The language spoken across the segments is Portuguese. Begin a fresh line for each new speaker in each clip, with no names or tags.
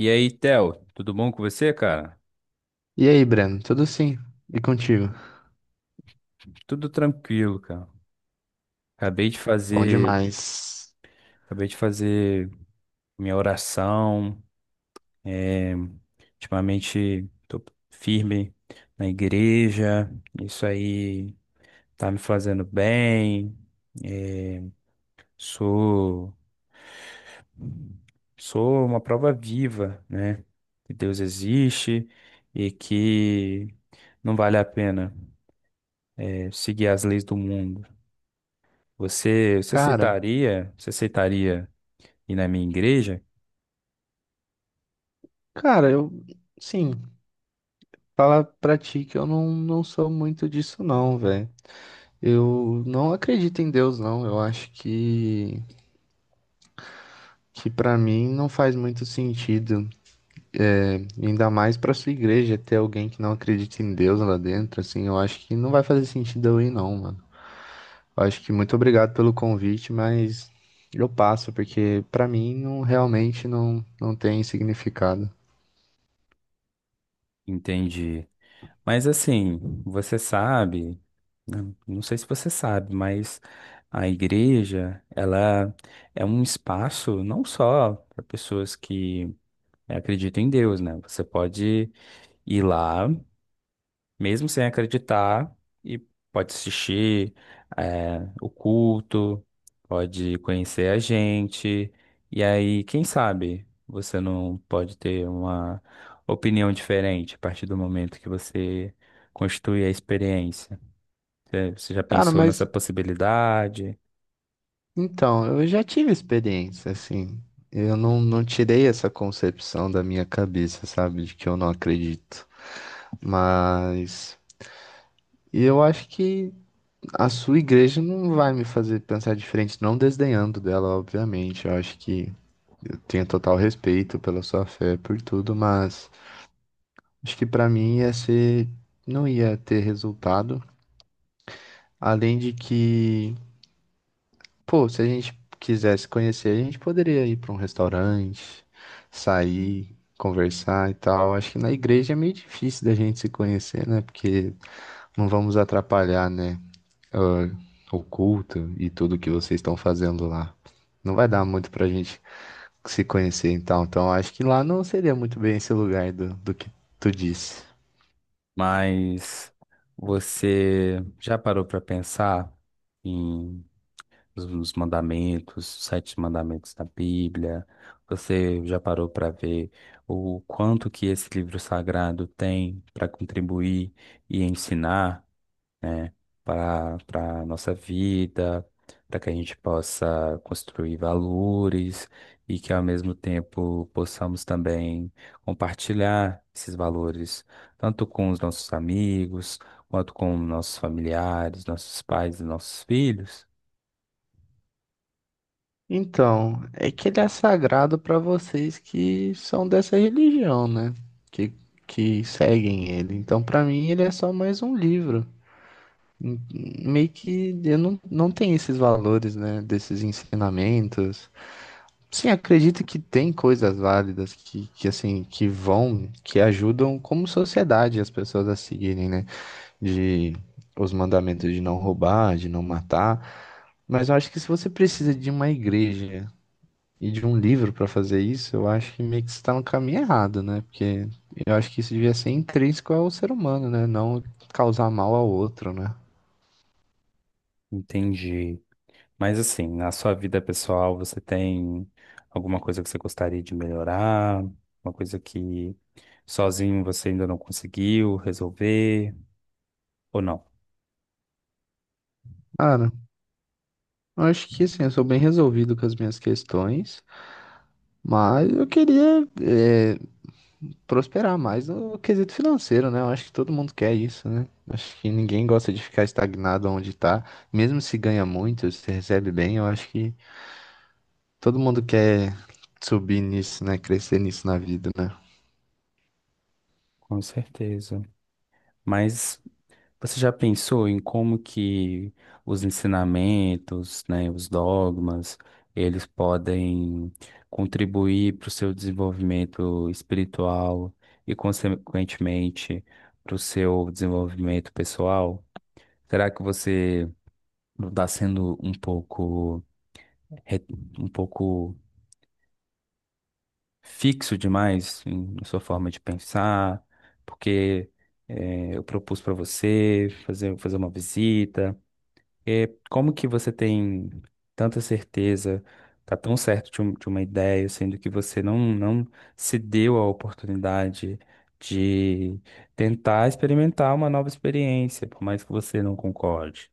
E aí, Theo, tudo bom com você, cara?
E aí, Breno, tudo sim? E contigo?
Tudo tranquilo, cara. Acabei de
Bom
fazer,
demais.
acabei de fazer minha oração. É, ultimamente tô firme na igreja. Isso aí tá me fazendo bem. É, sou, sou uma prova viva, né? Que Deus existe e que não vale a pena, é, seguir as leis do mundo. Você
Cara,
aceitaria? Você aceitaria? E na minha igreja,
cara, sim, falar pra ti que eu não sou muito disso não, velho. Eu não acredito em Deus não, eu acho que pra mim não faz muito sentido, né? Ainda mais pra sua igreja ter alguém que não acredita em Deus lá dentro, assim, eu acho que não vai fazer sentido eu ir não, mano. Eu acho que muito obrigado pelo convite, mas eu passo, porque pra mim não, realmente não tem significado.
entendi. Mas assim, você sabe, não sei se você sabe, mas a igreja, ela é um espaço não só para pessoas que acreditam em Deus, né? Você pode ir lá mesmo sem acreditar, e pode assistir o culto, pode conhecer a gente, e aí, quem sabe, você não pode ter uma opinião diferente a partir do momento que você constitui a experiência. Você já
Cara,
pensou nessa
mas
possibilidade,
então, eu já tive experiência, assim. Eu não tirei essa concepção da minha cabeça, sabe? De que eu não acredito. Mas eu acho que a sua igreja não vai me fazer pensar diferente, não desdenhando dela, obviamente. Eu acho que eu tenho total respeito pela sua fé, por tudo, mas acho que pra mim ia ser, não ia ter resultado. Além de que, pô, se a gente quisesse conhecer, a gente poderia ir para um restaurante, sair, conversar e tal. Acho que na igreja é meio difícil da gente se conhecer, né? Porque não vamos atrapalhar, né? ah, O culto e tudo que vocês estão fazendo lá. Não vai dar muito pra gente se conhecer, então. Então, acho que lá não seria muito bem esse lugar do que tu disse.
mas você já parou para pensar? Os mandamentos, os sete mandamentos da Bíblia. Você já parou para ver o quanto que esse livro sagrado tem para contribuir e ensinar, né, para a nossa vida, para que a gente possa construir valores e que ao mesmo tempo possamos também compartilhar esses valores, tanto com os nossos amigos, quanto com nossos familiares, nossos pais e nossos filhos.
Então, é que ele é sagrado para vocês que são dessa religião, né? Que, que seguem ele. Então, para mim, ele é só mais um livro. Hum, Meio que eu não tenho esses valores, né? Desses ensinamentos. Sim, acredito que tem coisas válidas que assim, que ajudam como sociedade as pessoas a seguirem, né? De os mandamentos de não roubar, de não matar. Mas eu acho que se você precisa de uma igreja e de um livro para fazer isso, eu acho que meio que você tá no caminho errado, né? Porque eu acho que isso devia ser intrínseco ao ser humano, né? Não causar mal ao outro, né?
Entendi. Mas assim, na sua vida pessoal, você tem alguma coisa que você gostaria de melhorar? Uma coisa que sozinho você ainda não conseguiu resolver? Ou não?
Cara, eu acho que assim, eu sou bem resolvido com as minhas questões, mas eu queria prosperar mais no quesito financeiro, né? Eu acho que todo mundo quer isso, né? Acho que ninguém gosta de ficar estagnado onde tá. Mesmo se ganha muito, se recebe bem, eu acho que todo mundo quer subir nisso, né? Crescer nisso na vida, né?
Com certeza. Mas você já pensou em como que os ensinamentos, né, os dogmas, eles podem contribuir para o seu desenvolvimento espiritual e, consequentemente, para o seu desenvolvimento pessoal? Será que você não tá sendo um pouco, re- um pouco fixo demais na sua forma de pensar, porque é, eu propus para você fazer uma visita. É, como que você tem tanta certeza, tá tão certo de, de uma ideia, sendo que você não se deu a oportunidade de tentar experimentar uma nova experiência, por mais que você não concorde?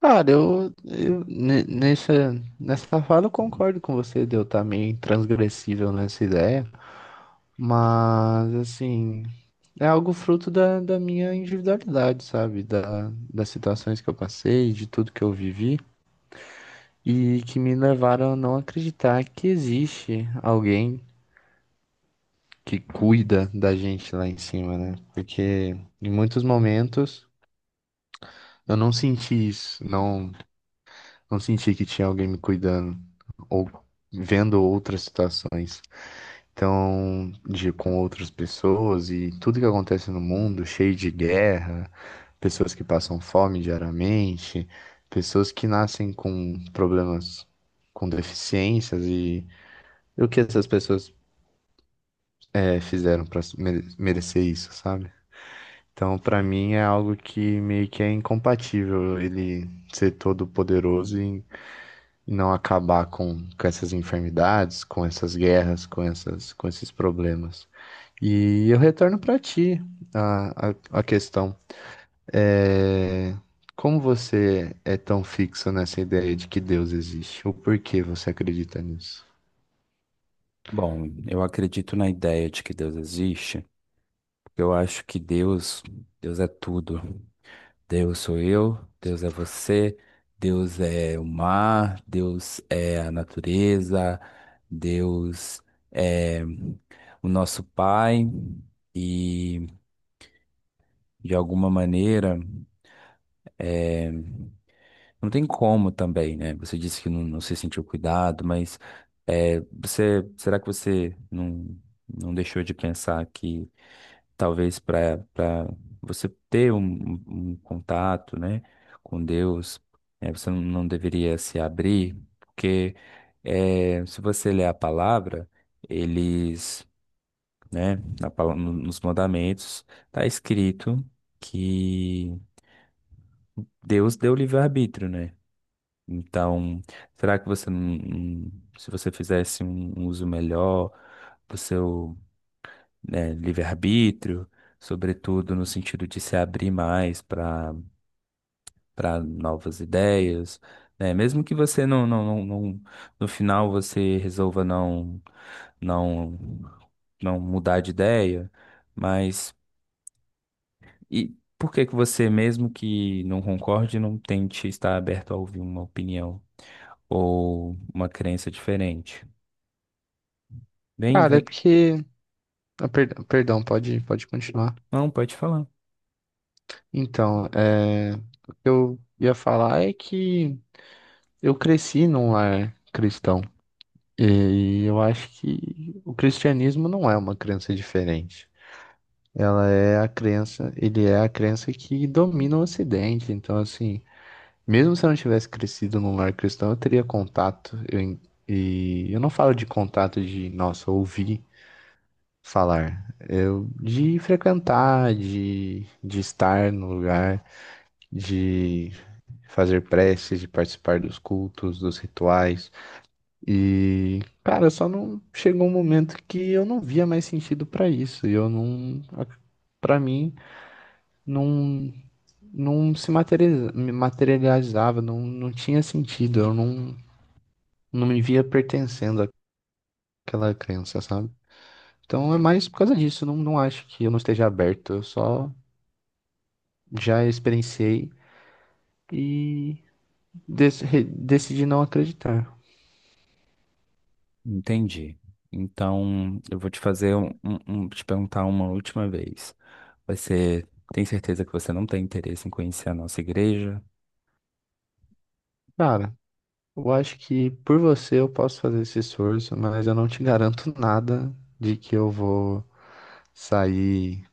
Cara, nessa fala eu concordo com você de eu estar meio transgressível nessa ideia, mas assim, é algo fruto da minha individualidade, sabe? Das situações que eu passei, de tudo que eu vivi, e que me levaram a não acreditar que existe alguém que cuida da gente lá em cima, né? Porque em muitos momentos eu não senti isso, não. Não senti que tinha alguém me cuidando ou vendo outras situações. Então, de, com outras pessoas e tudo que acontece no mundo, cheio de guerra, pessoas que passam fome diariamente, pessoas que nascem com problemas, com deficiências e o que essas pessoas fizeram para merecer isso, sabe? Então, pra mim é algo que meio que é incompatível ele ser todo poderoso e não acabar com essas enfermidades, com essas guerras, com esses problemas. E eu retorno para ti a questão. É, Como você é tão fixo nessa ideia de que Deus existe? Ou por que você acredita nisso?
Bom, eu acredito na ideia de que Deus existe. Eu acho que Deus é tudo. Deus sou eu, Deus é você, Deus é o mar, Deus é a natureza, Deus é o nosso Pai. E de alguma maneira, não tem como também, né? Você disse que não se sentiu cuidado, mas será que você não deixou de pensar que talvez para você ter um, um contato, né, com Deus, você não deveria se abrir, porque se você ler a palavra, eles, né, na pala- no- nos mandamentos está escrito que Deus deu livre-arbítrio, né? Então, será que você se você fizesse um uso melhor do seu, né, livre-arbítrio, sobretudo no sentido de se abrir mais para novas ideias, né? Mesmo que você no final você resolva não não mudar de ideia, mas e por que que você, mesmo que não concorde, não tente estar aberto a ouvir uma opinião ou uma crença diferente? Vem,
Cara, é
vem.
porque, perdão, pode continuar.
Não, pode falar.
Então, o que eu ia falar é que eu cresci num lar cristão. E eu acho que o cristianismo não é uma crença diferente. Ela é a crença, ele é a crença que domina o Ocidente. Então, assim, mesmo se eu não tivesse crescido num lar cristão, eu teria contato. E eu não falo de contato de, nossa, ouvir falar. Eu, de frequentar, de estar no lugar, de fazer preces, de participar dos cultos, dos rituais. E, cara, só não chegou um momento que eu não via mais sentido pra isso. E eu não, Pra mim, não, não se materializa- me materializava, não tinha sentido. Eu não, Não me via pertencendo àquela crença, sabe? Então é mais por causa disso. Não, não acho que eu não esteja aberto. Eu só já experienciei e decidi não acreditar.
Entendi. Então, eu vou te fazer te perguntar uma última vez. Você tem certeza que você não tem interesse em conhecer a nossa igreja?
Cara, eu acho que por você eu posso fazer esse esforço, mas eu não te garanto nada de que eu vou sair,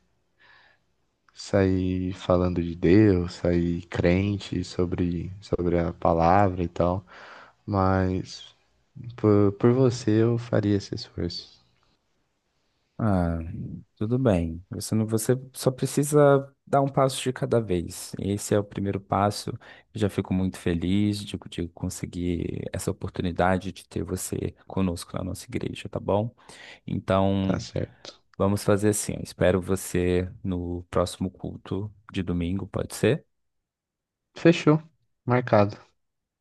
sair falando de Deus, sair crente sobre a palavra e tal. Mas por você eu faria esse esforço.
Ah, tudo bem. Você não, você só precisa dar um passo de cada vez. Esse é o primeiro passo. Eu já fico muito feliz de conseguir essa oportunidade de ter você conosco na nossa igreja, tá bom?
Tá
Então,
certo.
vamos fazer assim. Eu espero você no próximo culto de domingo, pode ser?
Fechou. Marcado.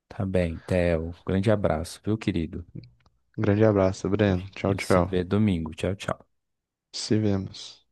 Tá bem, Theo. Grande abraço, viu, querido?
Grande abraço, Breno.
A
Tchau,
gente se
tchau.
vê domingo. Tchau, tchau.
Se vemos.